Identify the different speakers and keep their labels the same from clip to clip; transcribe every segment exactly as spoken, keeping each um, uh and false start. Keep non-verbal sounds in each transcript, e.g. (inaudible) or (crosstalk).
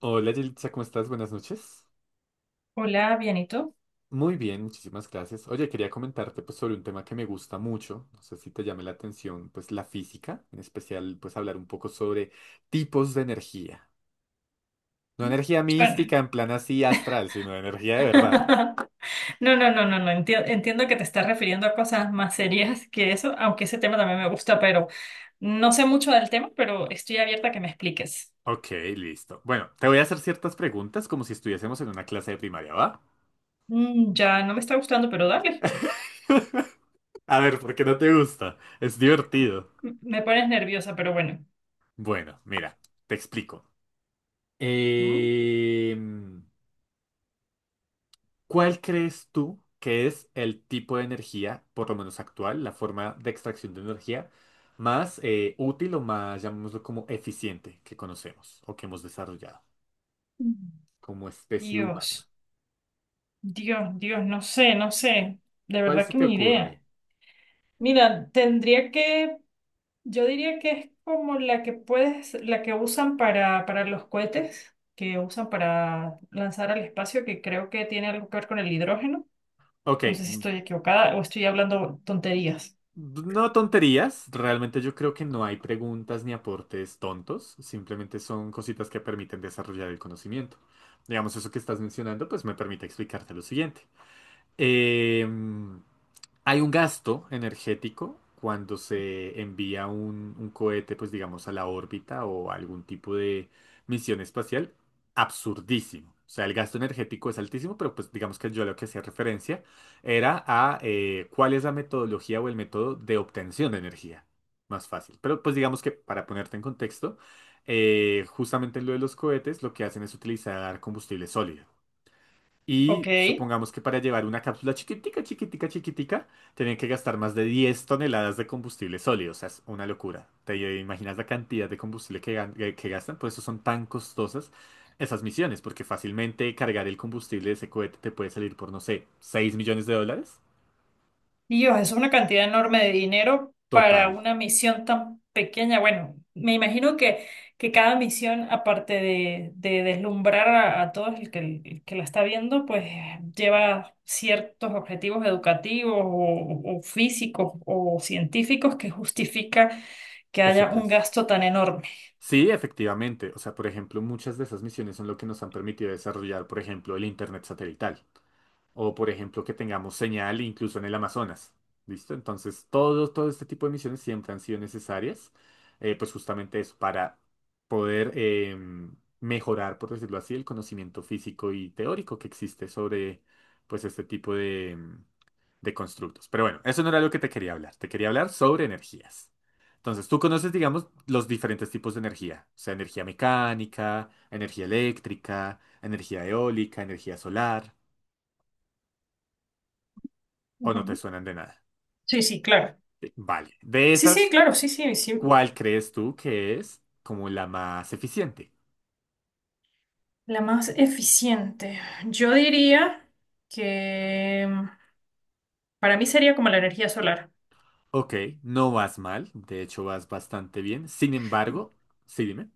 Speaker 1: Hola, Yelitza, ¿cómo estás? Buenas noches.
Speaker 2: Hola, bien, ¿y tú?
Speaker 1: Muy bien, muchísimas gracias. Oye, quería comentarte pues sobre un tema que me gusta mucho, no sé si te llame la atención, pues la física, en especial pues hablar un poco sobre tipos de energía. No energía
Speaker 2: Suena.
Speaker 1: mística en plan así astral, sino energía de verdad.
Speaker 2: (laughs) No, no, no, no, no. Enti- entiendo que te estás refiriendo a cosas más serias que eso, aunque ese tema también me gusta, pero no sé mucho del tema, pero estoy abierta a que me expliques.
Speaker 1: Ok, listo. Bueno, te voy a hacer ciertas preguntas como si estuviésemos en una clase de primaria, ¿va?
Speaker 2: Mm, ya no me está gustando, pero dale.
Speaker 1: (laughs) A ver, ¿por qué no te gusta? Es divertido.
Speaker 2: M- Me pones nerviosa, pero bueno.
Speaker 1: Bueno, mira, te explico.
Speaker 2: Mm.
Speaker 1: Eh... ¿Cuál crees tú que es el tipo de energía, por lo menos actual, la forma de extracción de energía más eh, útil o más, llamémoslo como eficiente, que conocemos o que hemos desarrollado como especie humana?
Speaker 2: Dios, Dios, Dios, no sé, no sé. De
Speaker 1: ¿Cuál
Speaker 2: verdad
Speaker 1: se
Speaker 2: que
Speaker 1: te
Speaker 2: ni idea.
Speaker 1: ocurre?
Speaker 2: Mira, tendría que yo diría que es como la que puedes, la que usan para, para los cohetes, que usan para lanzar al espacio, que creo que tiene algo que ver con el hidrógeno.
Speaker 1: Ok,
Speaker 2: No sé si
Speaker 1: mm,
Speaker 2: estoy equivocada o estoy hablando tonterías.
Speaker 1: no tonterías, realmente yo creo que no hay preguntas ni aportes tontos, simplemente son cositas que permiten desarrollar el conocimiento. Digamos, eso que estás mencionando, pues me permite explicarte lo siguiente. Eh, hay un gasto energético cuando se envía un, un cohete, pues digamos, a la órbita o a algún tipo de misión espacial, absurdísimo. O sea, el gasto energético es altísimo, pero pues digamos que yo a lo que hacía referencia era a eh, cuál es la metodología o el método de obtención de energía. Más fácil. Pero pues digamos que para ponerte en contexto, eh, justamente en lo de los cohetes, lo que hacen es utilizar combustible sólido.
Speaker 2: Ok.
Speaker 1: Y supongamos que para llevar una cápsula chiquitica, chiquitica, chiquitica, tenían que gastar más de diez toneladas de combustible sólido. O sea, es una locura. ¿Te imaginas la cantidad de combustible que, gan- que- que gastan? Por eso son tan costosas esas misiones, porque fácilmente cargar el combustible de ese cohete te puede salir por, no sé, seis millones de dólares.
Speaker 2: Dios, es una cantidad enorme de dinero para
Speaker 1: Total,
Speaker 2: una misión tan pequeña. Bueno, me imagino que, que cada misión, aparte de, de deslumbrar a, a todos el que, el que la está viendo, pues lleva ciertos objetivos educativos o, o físicos o científicos que justifica que
Speaker 1: ese
Speaker 2: haya un
Speaker 1: precio.
Speaker 2: gasto tan enorme.
Speaker 1: Sí, efectivamente. O sea, por ejemplo, muchas de esas misiones son lo que nos han permitido desarrollar, por ejemplo, el Internet satelital. O por ejemplo que tengamos señal incluso en el Amazonas. ¿Listo? Entonces todo, todo este tipo de misiones siempre han sido necesarias, eh, pues justamente eso, para poder em, mejorar, por decirlo así, el conocimiento físico y teórico que existe sobre pues este tipo de, em, de constructos. Pero bueno, eso no era lo que te quería hablar, te quería hablar sobre energías. Entonces, tú conoces, digamos, los diferentes tipos de energía, o sea, energía mecánica, energía eléctrica, energía eólica, energía solar. ¿O no te
Speaker 2: Ujú.
Speaker 1: suenan de nada?
Speaker 2: Sí, sí, claro.
Speaker 1: Sí. Vale. De
Speaker 2: Sí, sí,
Speaker 1: esas,
Speaker 2: claro, sí, sí, sí.
Speaker 1: ¿cuál crees tú que es como la más eficiente?
Speaker 2: La más eficiente. Yo diría que... para mí sería como la energía solar.
Speaker 1: Ok, no vas mal, de hecho vas bastante bien. Sin embargo, sí, dime.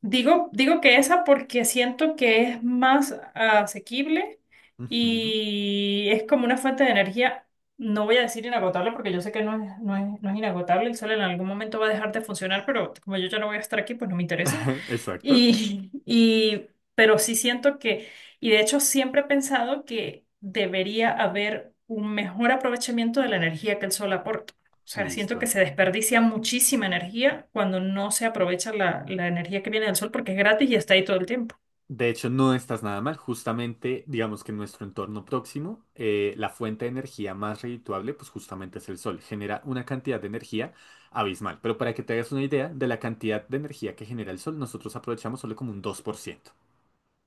Speaker 2: Digo, digo que esa porque siento que es más asequible
Speaker 1: Ujú.
Speaker 2: y es como una fuente de energía, no voy a decir inagotable porque yo sé que no es, no es, no es inagotable, el sol en algún momento va a dejar de funcionar, pero como yo ya no voy a estar aquí, pues no me interesa.
Speaker 1: (laughs) Exacto.
Speaker 2: Y, (laughs) y, pero sí siento que, y de hecho siempre he pensado que debería haber un mejor aprovechamiento de la energía que el sol aporta. O sea, siento que
Speaker 1: Listo.
Speaker 2: se desperdicia muchísima energía cuando no se aprovecha la, la energía que viene del sol porque es gratis y está ahí todo el tiempo.
Speaker 1: De hecho, no estás nada mal. Justamente, digamos que en nuestro entorno próximo, eh, la fuente de energía más redituable, pues justamente es el sol. Genera una cantidad de energía abismal. Pero para que te hagas una idea de la cantidad de energía que genera el sol, nosotros aprovechamos solo como un dos por ciento.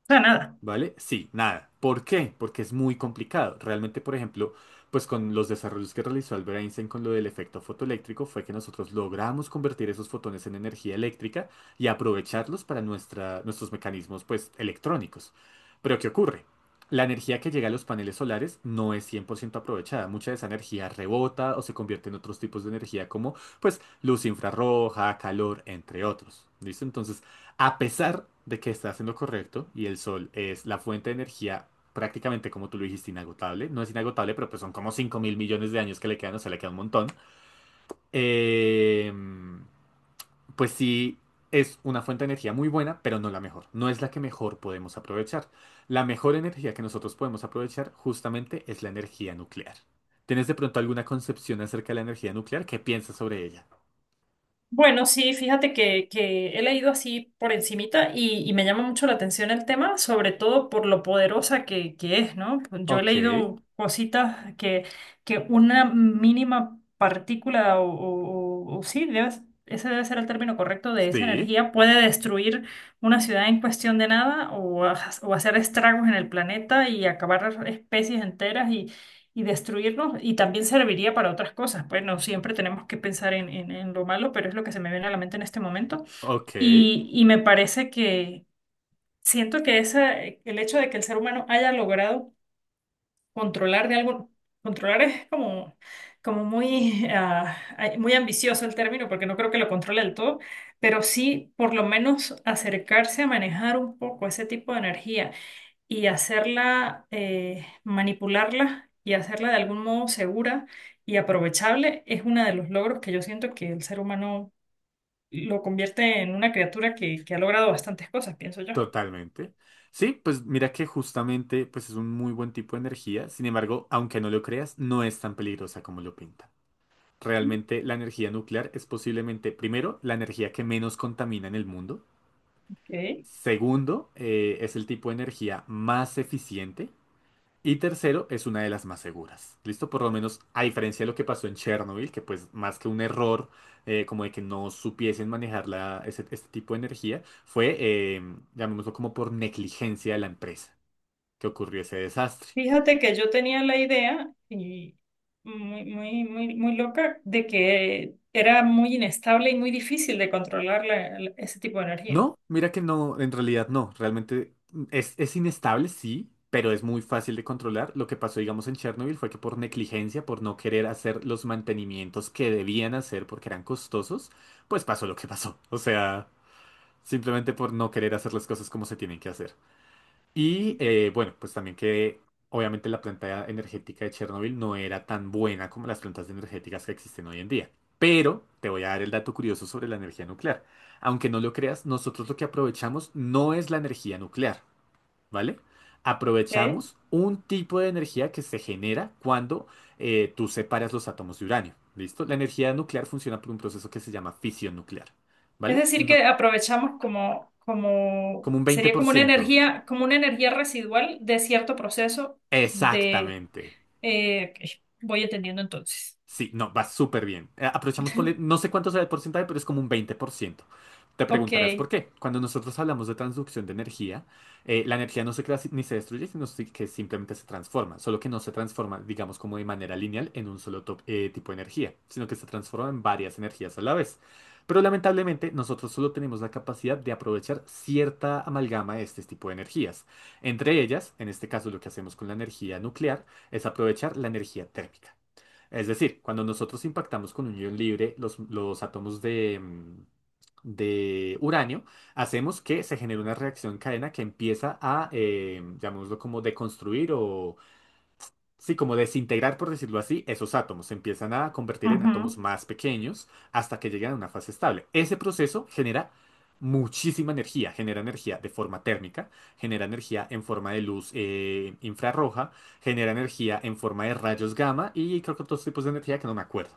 Speaker 2: O sea, nada.
Speaker 1: ¿Vale? Sí, nada. ¿Por qué? Porque es muy complicado. Realmente, por ejemplo, pues con los desarrollos que realizó Albert Einstein con lo del efecto fotoeléctrico fue que nosotros logramos convertir esos fotones en energía eléctrica y aprovecharlos para nuestra, nuestros mecanismos, pues, electrónicos. Pero ¿qué ocurre? La energía que llega a los paneles solares no es cien por ciento aprovechada. Mucha de esa energía rebota o se convierte en otros tipos de energía como, pues, luz infrarroja, calor, entre otros. ¿Listo? Entonces, a pesar de que estás en lo correcto y el sol es la fuente de energía prácticamente como tú lo dijiste, inagotable. No es inagotable, pero pues son como cinco mil millones de años que le quedan, o sea, le queda un montón. Eh, pues sí, es una fuente de energía muy buena, pero no la mejor. No es la que mejor podemos aprovechar. La mejor energía que nosotros podemos aprovechar justamente es la energía nuclear. ¿Tienes de pronto alguna concepción acerca de la energía nuclear? ¿Qué piensas sobre ella?
Speaker 2: Bueno, sí, fíjate que, que he leído así por encimita y, y me llama mucho la atención el tema, sobre todo por lo poderosa que, que es, ¿no? Yo he
Speaker 1: Ok,
Speaker 2: leído cositas que, que una mínima partícula o, o- o- o sí, debe- ese debe ser el término correcto de esa
Speaker 1: sí,
Speaker 2: energía, puede destruir una ciudad en cuestión de nada o, ha- o hacer estragos en el planeta y acabar especies enteras y destruirnos y también serviría para otras cosas. Pues no siempre tenemos que pensar en, en- en lo malo, pero es lo que se me viene a la mente en este momento.
Speaker 1: ok.
Speaker 2: Y, y me parece que siento que esa, el hecho de que el ser humano haya logrado controlar de algo, controlar es como, como muy, (laughs) ah, ay, muy ambicioso el término, porque no creo que lo controle del todo, pero sí por lo menos acercarse a manejar un poco ese tipo de energía y hacerla, eh, manipularla y hacerla de algún modo segura y aprovechable es uno de los logros que yo siento que el ser humano lo convierte en una criatura que, que ha logrado bastantes cosas, pienso yo.
Speaker 1: Totalmente. Sí, pues mira que justamente pues es un muy buen tipo de energía. Sin embargo, aunque no lo creas, no es tan peligrosa como lo pintan. Realmente la energía nuclear es posiblemente, primero, la energía que menos contamina en el mundo.
Speaker 2: Ok.
Speaker 1: Segundo, eh, es el tipo de energía más eficiente. Y tercero, es una de las más seguras. ¿Listo? Por lo menos, a diferencia de lo que pasó en Chernobyl, que pues más que un error, eh, como de que no supiesen manejar la- ese- este tipo de energía, fue, eh, llamémoslo como por negligencia de la empresa, que ocurrió ese desastre.
Speaker 2: Fíjate que yo tenía la idea y muy, muy, muy, muy loca de que era muy inestable y muy difícil de controlar la- la- ese tipo de energía.
Speaker 1: No, mira que no, en realidad no. Realmente mm, es, es inestable, sí, pero es muy fácil de controlar. Lo que pasó, digamos, en Chernobyl fue que por negligencia, por no querer hacer los mantenimientos que debían hacer porque eran costosos, pues pasó lo que pasó. O sea, simplemente por no querer hacer las cosas como se tienen que hacer. Y eh, bueno, pues también que obviamente la planta energética de Chernobyl no era tan buena como las plantas energéticas que existen hoy en día. Pero te voy a dar el dato curioso sobre la energía nuclear. Aunque no lo creas, nosotros lo que aprovechamos no es la energía nuclear, ¿vale?
Speaker 2: Ok.
Speaker 1: Aprovechamos un tipo de energía que se genera cuando eh, tú separas los átomos de uranio. ¿Listo? La energía nuclear funciona por un proceso que se llama fisión nuclear,
Speaker 2: Es
Speaker 1: ¿vale?
Speaker 2: decir,
Speaker 1: No,
Speaker 2: que aprovechamos como, como,
Speaker 1: como un veinte
Speaker 2: sería
Speaker 1: por
Speaker 2: como una
Speaker 1: ciento
Speaker 2: energía, como una energía residual de cierto proceso de,
Speaker 1: Exactamente.
Speaker 2: eh, ok, voy entendiendo entonces.
Speaker 1: Sí, no, va súper bien. Eh, Aprovechamos, ponle,
Speaker 2: (laughs)
Speaker 1: no sé cuánto sea el porcentaje, pero es como un veinte por ciento. Te
Speaker 2: Ok.
Speaker 1: preguntarás por qué. Cuando nosotros hablamos de transducción de energía, eh, la energía no se crea si- ni se destruye, sino si- que simplemente se transforma. Solo que no se transforma, digamos, como de manera lineal en un solo top- eh, tipo de energía, sino que se transforma en varias energías a la vez. Pero lamentablemente, nosotros solo tenemos la capacidad de aprovechar cierta amalgama de este tipo de energías. Entre ellas, en este caso, lo que hacemos con la energía nuclear es aprovechar la energía térmica. Es decir, cuando nosotros impactamos con un ion libre, los, los átomos de, mm, de uranio, hacemos que se genere una reacción en cadena que empieza a, eh, llamémoslo como deconstruir o, sí, como desintegrar, por decirlo así, esos átomos se empiezan a convertir en
Speaker 2: Ujú.
Speaker 1: átomos más pequeños hasta que llegan a una fase estable. Ese proceso genera muchísima energía, genera energía de forma térmica, genera energía en forma de luz eh, infrarroja, genera energía en forma de rayos gamma y creo que otros tipos de energía que no me acuerdo.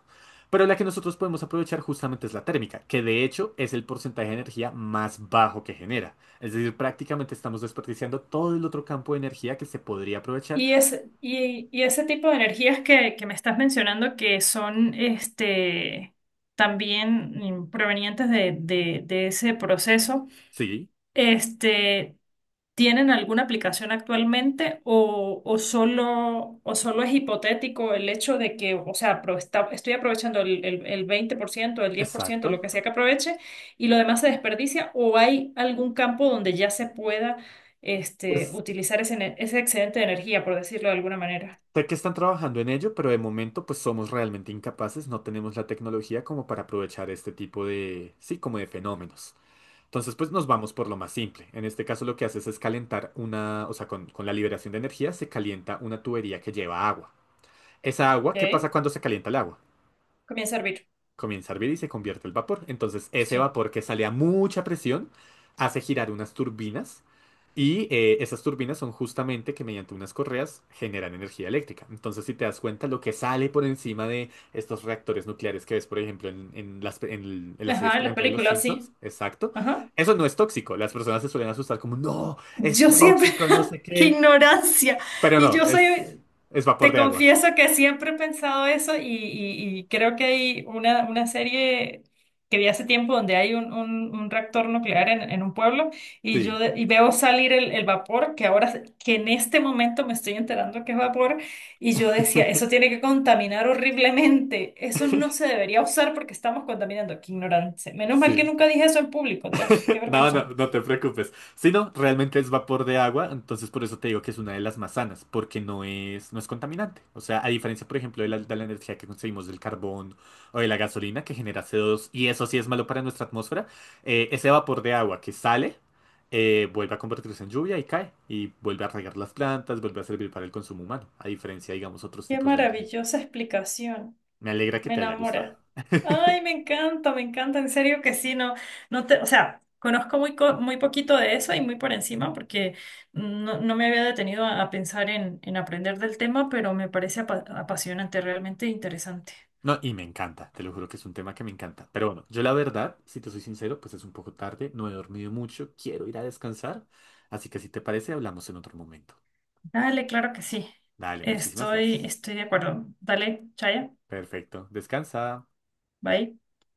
Speaker 1: Pero la que nosotros podemos aprovechar justamente es la térmica, que de hecho es el porcentaje de energía más bajo que genera. Es decir, prácticamente estamos desperdiciando todo el otro campo de energía que se podría aprovechar.
Speaker 2: Y ese, y, y ese tipo de energías que, que me estás mencionando que son este, también mm, provenientes de, de, de ese proceso,
Speaker 1: Sí.
Speaker 2: este, ¿tienen alguna aplicación actualmente o, o solo, o solo es hipotético el hecho de que, o sea, apro- está- estoy aprovechando el, el, el veinte por ciento el diez por ciento lo que
Speaker 1: Exacto.
Speaker 2: sea que aproveche, y lo demás se desperdicia? ¿O hay algún campo donde ya se pueda este,
Speaker 1: Pues
Speaker 2: utilizar ese, ene- ese excedente de energía, por decirlo de alguna manera?
Speaker 1: sé que están trabajando en ello, pero de momento pues somos realmente incapaces, no tenemos la tecnología como para aprovechar este tipo de, sí, como de fenómenos. Entonces pues nos vamos por lo más simple. En este caso lo que haces es calentar una, o sea, con, con la liberación de energía se calienta una tubería que lleva agua. Esa agua, ¿qué
Speaker 2: ¿Ok?
Speaker 1: pasa cuando se calienta el agua?
Speaker 2: Comienza a hervir.
Speaker 1: Comienza a hervir y se convierte el vapor. Entonces, ese
Speaker 2: Sí.
Speaker 1: vapor que sale a mucha presión hace girar unas turbinas y eh, esas turbinas son justamente que mediante unas correas generan energía eléctrica. Entonces, si te das cuenta, lo que sale por encima de estos reactores nucleares que ves, por ejemplo, en, en las, pe- en el- en las series,
Speaker 2: Ajá, en
Speaker 1: por
Speaker 2: las
Speaker 1: ejemplo, de Los
Speaker 2: películas,
Speaker 1: Simpsons,
Speaker 2: sí.
Speaker 1: exacto,
Speaker 2: Ajá.
Speaker 1: eso no es tóxico. Las personas se suelen asustar como, no, es
Speaker 2: Yo siempre,
Speaker 1: tóxico, no sé
Speaker 2: (laughs) qué
Speaker 1: qué.
Speaker 2: ignorancia.
Speaker 1: Pero
Speaker 2: Y
Speaker 1: no,
Speaker 2: yo
Speaker 1: es,
Speaker 2: soy,
Speaker 1: es vapor
Speaker 2: te
Speaker 1: de agua.
Speaker 2: confieso que siempre he pensado eso y, y- y creo que hay una, una serie que vi hace tiempo donde hay un, un- un reactor nuclear en, en un pueblo y yo
Speaker 1: Sí,
Speaker 2: de- y veo salir el, el vapor que ahora, se- que en este momento me estoy enterando que es vapor y yo decía, eso
Speaker 1: (laughs)
Speaker 2: tiene que contaminar horriblemente, eso no se debería usar porque estamos contaminando. Qué ignorancia. Menos mal que
Speaker 1: sí.
Speaker 2: nunca dije eso en público, Dios, qué
Speaker 1: No, no,
Speaker 2: vergüenza.
Speaker 1: no te preocupes. Si no, realmente es vapor de agua, entonces por eso te digo que es una de las más sanas, porque no es, no es contaminante. O sea, a diferencia, por ejemplo, de la, de la energía que conseguimos del carbón o de la gasolina que genera C O dos, y eso sí es malo para nuestra atmósfera, eh, ese vapor de agua que sale, eh, vuelve a convertirse en lluvia y cae, y vuelve a regar las plantas, vuelve a servir para el consumo humano, a diferencia, digamos, otros
Speaker 2: Qué
Speaker 1: tipos de energía.
Speaker 2: maravillosa explicación.
Speaker 1: Me alegra que
Speaker 2: Me
Speaker 1: te haya gustado.
Speaker 2: enamora. Ay,
Speaker 1: (laughs)
Speaker 2: me encanta, me encanta. En serio que sí, no, no te, o sea, conozco muy, co- muy poquito de eso y muy por encima porque no, no me había detenido a, a pensar en, en aprender del tema, pero me parece apa- apasionante, realmente interesante.
Speaker 1: No, y me encanta, te lo juro que es un tema que me encanta. Pero bueno, yo la verdad, si te soy sincero, pues es un poco tarde, no he dormido mucho, quiero ir a descansar. Así que si te parece, hablamos en otro momento.
Speaker 2: Dale, claro que sí.
Speaker 1: Dale, muchísimas
Speaker 2: Estoy,
Speaker 1: gracias.
Speaker 2: estoy de acuerdo. Dale, Chaya,
Speaker 1: Perfecto, descansa.
Speaker 2: bye.